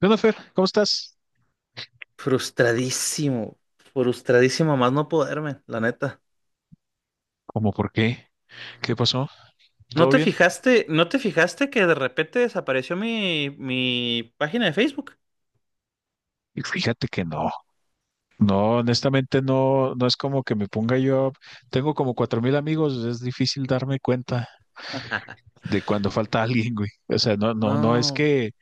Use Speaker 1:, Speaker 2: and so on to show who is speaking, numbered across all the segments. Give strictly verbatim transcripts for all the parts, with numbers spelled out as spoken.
Speaker 1: ¿Qué onda, Fer? ¿Cómo estás?
Speaker 2: Frustradísimo, frustradísimo a más no poderme, la neta.
Speaker 1: ¿Cómo por qué? ¿Qué pasó?
Speaker 2: ¿No
Speaker 1: ¿Todo
Speaker 2: te
Speaker 1: bien?
Speaker 2: fijaste, no te fijaste que de repente desapareció mi, mi página de Facebook?
Speaker 1: Y Fíjate que no, no, honestamente no, no es como que me ponga yo, tengo como cuatro mil amigos, es difícil darme cuenta de cuando falta alguien, güey. O sea, no, no, no es
Speaker 2: No,
Speaker 1: que,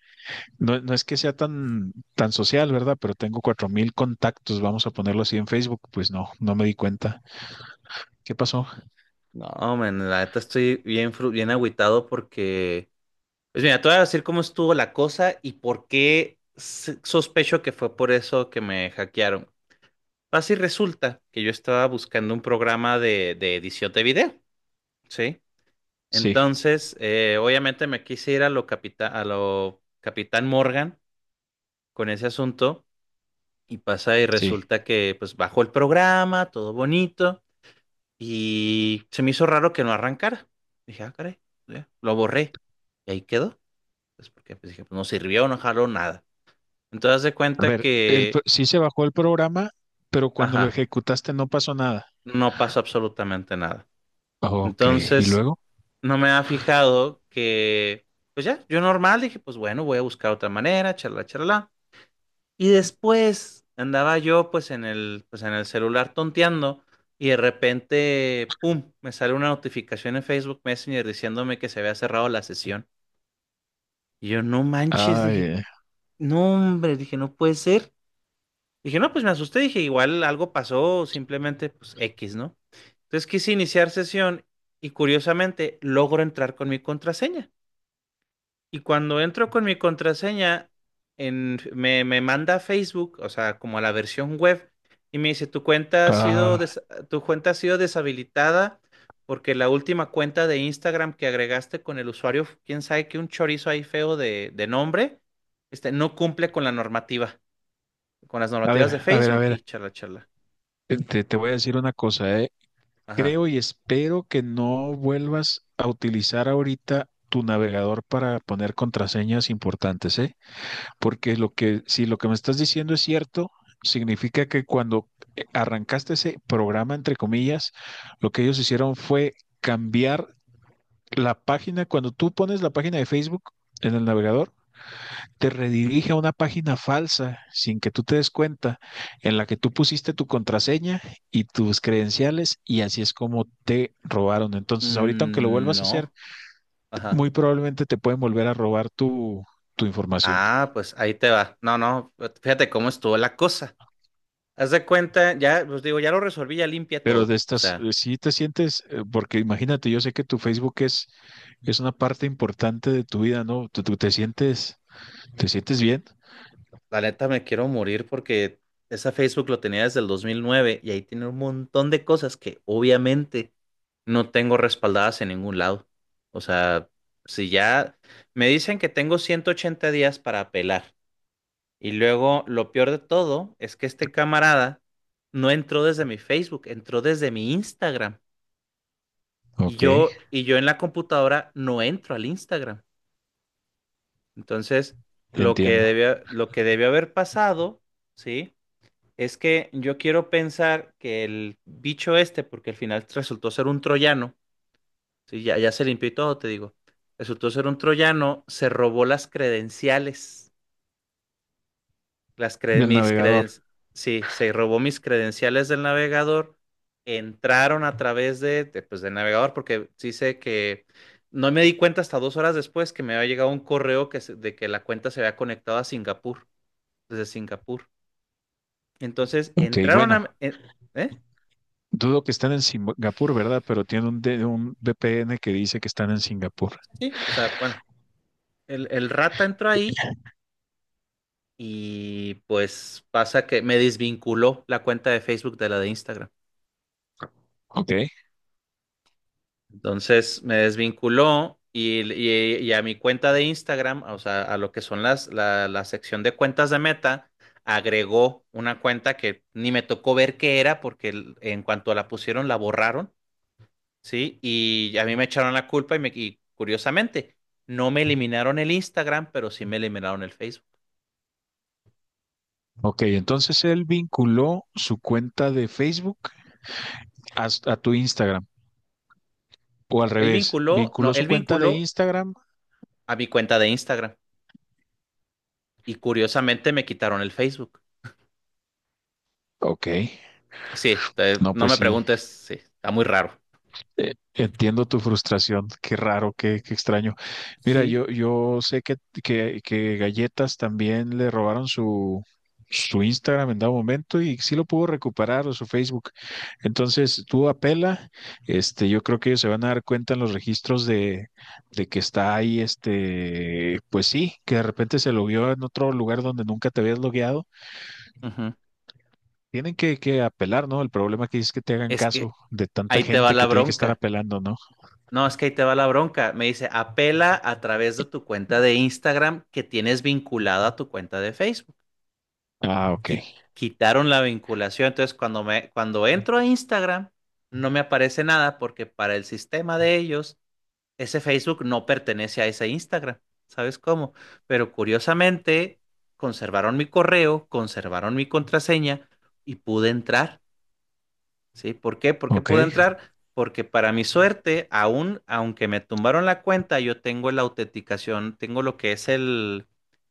Speaker 1: no, no es que sea tan, tan social, ¿verdad? Pero tengo cuatro mil contactos, vamos a ponerlo así en Facebook, pues no, no me di cuenta. ¿Qué pasó?
Speaker 2: no, man, la neta estoy bien, fru- bien agüitado porque, pues mira, te voy a decir cómo estuvo la cosa y por qué s- sospecho que fue por eso que me hackearon. Así resulta que yo estaba buscando un programa de, de edición de video, ¿sí?
Speaker 1: Sí,
Speaker 2: Entonces, eh, obviamente me quise ir a lo, capita- a lo Capitán Morgan con ese asunto y pasa y
Speaker 1: sí.
Speaker 2: resulta que pues bajó el programa, todo bonito y se me hizo raro que no arrancara. Dije, ah, caray, ya, lo borré y ahí quedó. Pues porque pues, dije, pues no sirvió, no jaló nada. Entonces, haz de
Speaker 1: A
Speaker 2: cuenta
Speaker 1: ver, el, pro-
Speaker 2: que,
Speaker 1: sí se bajó el programa, pero cuando lo
Speaker 2: ajá,
Speaker 1: ejecutaste no pasó nada.
Speaker 2: no pasó absolutamente nada.
Speaker 1: Ok, ¿y
Speaker 2: Entonces,
Speaker 1: luego?
Speaker 2: no me había fijado que, pues ya, yo normal dije, pues bueno, voy a buscar otra manera, charla, charla. Y después andaba yo pues en el, pues en el celular tonteando y de repente, ¡pum!, me sale una notificación en Facebook Messenger diciéndome que se había cerrado la sesión. Y yo, no manches,
Speaker 1: Ay,
Speaker 2: dije,
Speaker 1: eh,
Speaker 2: no hombre, dije, no puede ser. Dije, no, pues me asusté, dije, igual algo pasó, simplemente pues X, ¿no? Entonces quise iniciar sesión y curiosamente logro entrar con mi contraseña. Y cuando entro con mi contraseña, en, me, me manda a Facebook, o sea, como a la versión web, y me dice, tu cuenta ha sido
Speaker 1: ah,
Speaker 2: des- tu cuenta ha sido deshabilitada porque la última cuenta de Instagram que agregaste con el usuario, quién sabe que un chorizo ahí feo de, de nombre, este, no cumple con la normativa, con las
Speaker 1: a
Speaker 2: normativas de
Speaker 1: ver, a ver, a
Speaker 2: Facebook y
Speaker 1: ver,
Speaker 2: charla, charla.
Speaker 1: eh, te, te voy a decir una cosa, eh.
Speaker 2: Ajá.
Speaker 1: Creo y espero que no vuelvas a utilizar ahorita tu navegador para poner contraseñas importantes, ¿eh? Porque lo que, si lo que me estás diciendo es cierto, significa que cuando eh, arrancaste ese programa, entre comillas, lo que ellos hicieron fue cambiar la página. Cuando tú pones la página de Facebook en el navegador, te redirige a una página falsa sin que tú te des cuenta, en la que tú pusiste tu contraseña y tus credenciales y así es como te robaron. Entonces, ahorita aunque lo
Speaker 2: Mm,
Speaker 1: vuelvas a hacer,
Speaker 2: no. Ajá.
Speaker 1: muy probablemente te pueden volver a robar tu, tu información.
Speaker 2: Ah, pues ahí te va. No, no, fíjate cómo estuvo la cosa. Haz de cuenta, ya, pues digo, ya lo resolví, ya limpia
Speaker 1: Pero de
Speaker 2: todo. O
Speaker 1: estas,
Speaker 2: sea,
Speaker 1: eh, sí te sientes, eh, porque imagínate, yo sé que tu Facebook es, es una parte importante de tu vida, ¿no? ¿Tú, tú te sientes, te sientes bien?
Speaker 2: la neta me quiero morir porque esa Facebook lo tenía desde el dos mil nueve y ahí tiene un montón de cosas que obviamente no tengo respaldadas en ningún lado. O sea, si ya me dicen que tengo ciento ochenta días para apelar y luego lo peor de todo es que este camarada no entró desde mi Facebook, entró desde mi Instagram y
Speaker 1: Ok,
Speaker 2: yo y yo en la computadora no entro al Instagram. Entonces, lo que
Speaker 1: entiendo.
Speaker 2: debió, lo que debió haber pasado, ¿sí? Es que yo quiero pensar que el bicho este, porque al final resultó ser un troyano, ¿sí? Ya, ya se limpió y todo, te digo. Resultó ser un troyano, se robó las credenciales, las cre-
Speaker 1: Del
Speaker 2: mis
Speaker 1: navegador.
Speaker 2: credenciales, sí, se robó mis credenciales del navegador, entraron a través de, de, pues, del navegador, porque sí sé que no me di cuenta hasta dos horas después que me había llegado un correo que se- de que la cuenta se había conectado a Singapur. Desde Singapur. Entonces
Speaker 1: Ok,
Speaker 2: entraron
Speaker 1: bueno,
Speaker 2: a... en- ¿Eh?
Speaker 1: dudo que están en Singapur, ¿verdad? Pero tiene un, D- un V P N que dice que están en Singapur.
Speaker 2: Sí, o sea, bueno, el, el rata entró ahí y pues pasa que me desvinculó la cuenta de Facebook de la de Instagram.
Speaker 1: Ok.
Speaker 2: Entonces me desvinculó y, y- y a mi cuenta de Instagram, o sea, a lo que son las, la, la sección de cuentas de Meta, agregó una cuenta que ni me tocó ver qué era porque en cuanto la pusieron la borraron. Sí, y a mí me echaron la culpa y, me, y curiosamente, no me eliminaron el Instagram, pero sí me eliminaron el Facebook.
Speaker 1: Ok, entonces él vinculó su cuenta de Facebook a, a tu Instagram, o al
Speaker 2: No, él
Speaker 1: revés,
Speaker 2: vinculó, no,
Speaker 1: vinculó su
Speaker 2: él
Speaker 1: cuenta de
Speaker 2: vinculó
Speaker 1: Instagram.
Speaker 2: a mi cuenta de Instagram y curiosamente me quitaron el Facebook.
Speaker 1: Ok,
Speaker 2: Sí, te-
Speaker 1: no,
Speaker 2: no
Speaker 1: pues
Speaker 2: me
Speaker 1: sí.
Speaker 2: preguntes, sí, está muy raro.
Speaker 1: Eh, Entiendo tu frustración, qué raro, qué, qué extraño. Mira,
Speaker 2: Sí.
Speaker 1: yo, yo sé que, que, que Galletas también le robaron su, su Instagram en dado momento y sí lo pudo recuperar o su Facebook. Entonces, tú apela, este, yo creo que ellos se van a dar cuenta en los registros de, de que está ahí, este, pues sí, que de repente se lo vio en otro lugar donde nunca te habías logueado.
Speaker 2: Ujú.
Speaker 1: Tienen que, que apelar, ¿no? El problema que es que te hagan
Speaker 2: Es que
Speaker 1: caso de tanta
Speaker 2: ahí te va
Speaker 1: gente
Speaker 2: la
Speaker 1: que tiene que estar
Speaker 2: bronca.
Speaker 1: apelando, ¿no?
Speaker 2: No, es que ahí te va la bronca. Me dice, apela a través de tu cuenta de Instagram que tienes vinculada a tu cuenta de Facebook.
Speaker 1: Ah, ok.
Speaker 2: qui- Quitaron la vinculación. Entonces, cuando me, cuando entro a Instagram, no me aparece nada porque para el sistema de ellos, ese Facebook no pertenece a ese Instagram. ¿Sabes cómo? Pero curiosamente, conservaron mi correo, conservaron mi contraseña y pude entrar. ¿Sí? ¿Por qué? ¿Por qué
Speaker 1: Ok,
Speaker 2: pude entrar? Porque para mi suerte, aún, aunque me tumbaron la cuenta, yo tengo la autenticación, tengo lo que es el,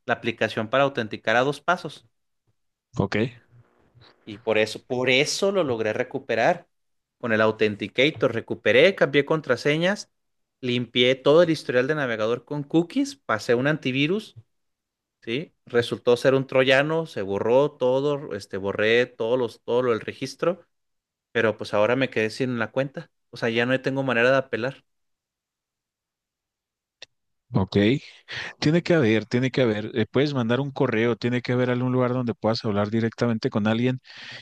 Speaker 2: la aplicación para autenticar a dos pasos.
Speaker 1: ok,
Speaker 2: Y por eso, por eso lo logré recuperar. Con el Authenticator recuperé, cambié contraseñas, limpié todo el historial de navegador con cookies, pasé un antivirus, ¿sí? Resultó ser un troyano, se borró todo, este, borré todos los, todo lo, el registro, pero pues ahora me quedé sin la cuenta. O sea, ya no tengo manera de apelar.
Speaker 1: ok. Tiene que haber, tiene que haber. Eh, puedes mandar un correo, tiene que haber algún lugar donde puedas hablar directamente con alguien.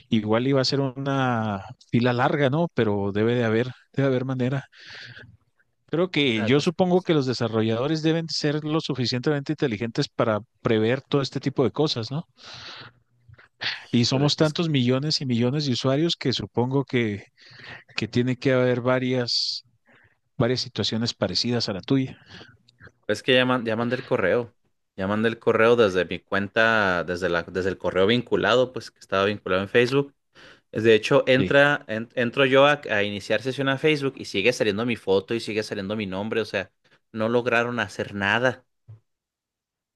Speaker 1: Igual iba a ser una fila larga, ¿no? Pero debe de haber, debe haber manera. Creo que
Speaker 2: Ah,
Speaker 1: yo
Speaker 2: es que no
Speaker 1: supongo
Speaker 2: sé.
Speaker 1: que los desarrolladores deben ser lo suficientemente inteligentes para prever todo este tipo de cosas, ¿no? Y
Speaker 2: Híjole,
Speaker 1: somos
Speaker 2: pues,
Speaker 1: tantos millones y millones de usuarios que supongo que, que tiene que haber varias, varias situaciones parecidas a la tuya.
Speaker 2: es que ya, man- ya mandé el correo. Ya mandé el correo desde mi cuenta, desde la, desde el correo vinculado, pues que estaba vinculado en Facebook. De hecho,
Speaker 1: Sí.
Speaker 2: entra, en- entro yo a, a iniciar sesión a Facebook y sigue saliendo mi foto y sigue saliendo mi nombre, o sea, no lograron hacer nada.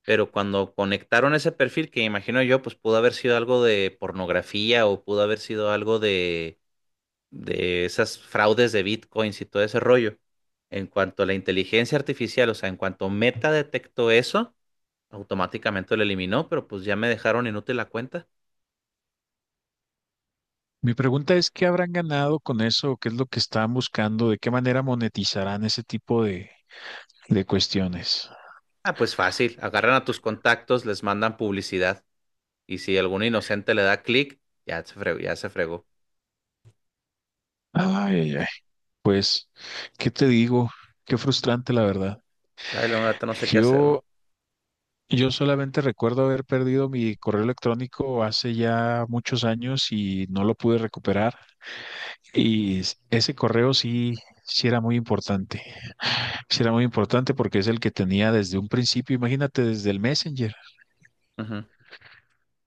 Speaker 2: Pero cuando conectaron ese perfil, que imagino yo, pues pudo haber sido algo de pornografía o pudo haber sido algo de, de esas fraudes de bitcoins y todo ese rollo. En cuanto a la inteligencia artificial, o sea, en cuanto Meta detectó eso, automáticamente lo eliminó, pero pues ya me dejaron inútil la cuenta.
Speaker 1: Mi pregunta es, ¿qué habrán ganado con eso? ¿Qué es lo que están buscando? ¿De qué manera monetizarán ese tipo de, de cuestiones?
Speaker 2: Ah, pues fácil, agarran a tus contactos, les mandan publicidad. Y si algún inocente le da clic, ya se fregó, ya se fregó.
Speaker 1: Ay, ay, ay. Pues, ¿qué te digo? Qué frustrante, la verdad.
Speaker 2: Ay, la neta no sé qué hacer, güey.
Speaker 1: Yo, yo solamente recuerdo haber perdido mi correo electrónico hace ya muchos años y no lo pude recuperar. Y s- ese correo sí, sí era muy importante. Sí era muy importante porque es el que tenía desde un principio, imagínate, desde el Messenger.
Speaker 2: Ujú.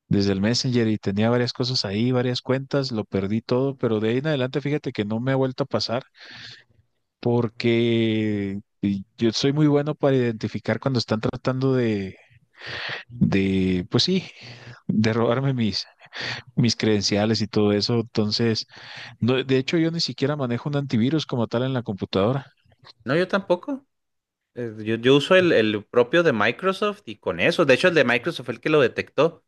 Speaker 1: Desde el Messenger y tenía varias cosas ahí, varias cuentas, lo perdí todo, pero de ahí en adelante fíjate que no me ha vuelto a pasar porque y yo soy muy bueno para identificar cuando están tratando de, de, pues sí, de robarme mis, mis credenciales y todo eso. Entonces, no, de hecho yo ni siquiera manejo un antivirus como tal en la computadora.
Speaker 2: No, yo tampoco. Eh, Yo, yo uso el, el propio de Microsoft y con eso. De hecho, el de Microsoft fue el que lo detectó.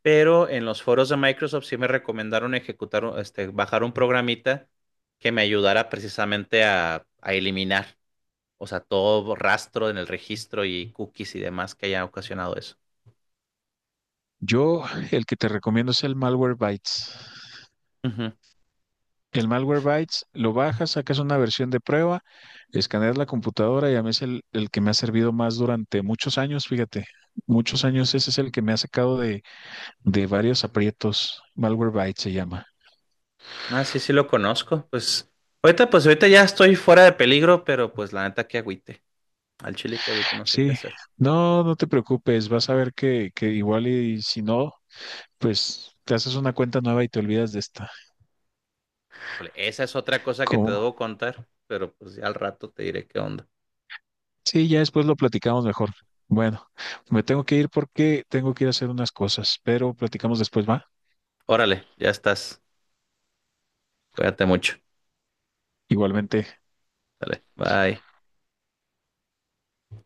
Speaker 2: Pero en los foros de Microsoft sí me recomendaron ejecutar, un- este, bajar un programita que me ayudara precisamente a, a eliminar, o sea, todo rastro en el registro y cookies y demás que haya ocasionado eso.
Speaker 1: Yo, el que te recomiendo es el Malwarebytes. El Malwarebytes lo bajas, sacas una versión de prueba, escaneas la computadora y a mí es el, el que me ha servido más durante muchos años, fíjate, muchos años ese es el que me ha sacado de, de varios aprietos. Malwarebytes se llama.
Speaker 2: Ah, sí, sí lo conozco. Pues ahorita, pues ahorita ya estoy fuera de peligro, pero pues la neta que agüite. Al chile que agüite, no sé qué
Speaker 1: Sí,
Speaker 2: hacer.
Speaker 1: no, no te preocupes, vas a ver que, que igual y si no, pues te haces una cuenta nueva y te olvidas de esta.
Speaker 2: Híjole, esa es otra cosa que te
Speaker 1: ¿Cómo?
Speaker 2: debo contar, pero pues ya al rato te diré qué onda.
Speaker 1: Sí, ya después lo platicamos mejor. Bueno, me tengo que ir porque tengo que ir a hacer unas cosas, pero platicamos después, ¿va?
Speaker 2: Órale, ya estás. Cuídate mucho.
Speaker 1: Igualmente.
Speaker 2: Dale, bye.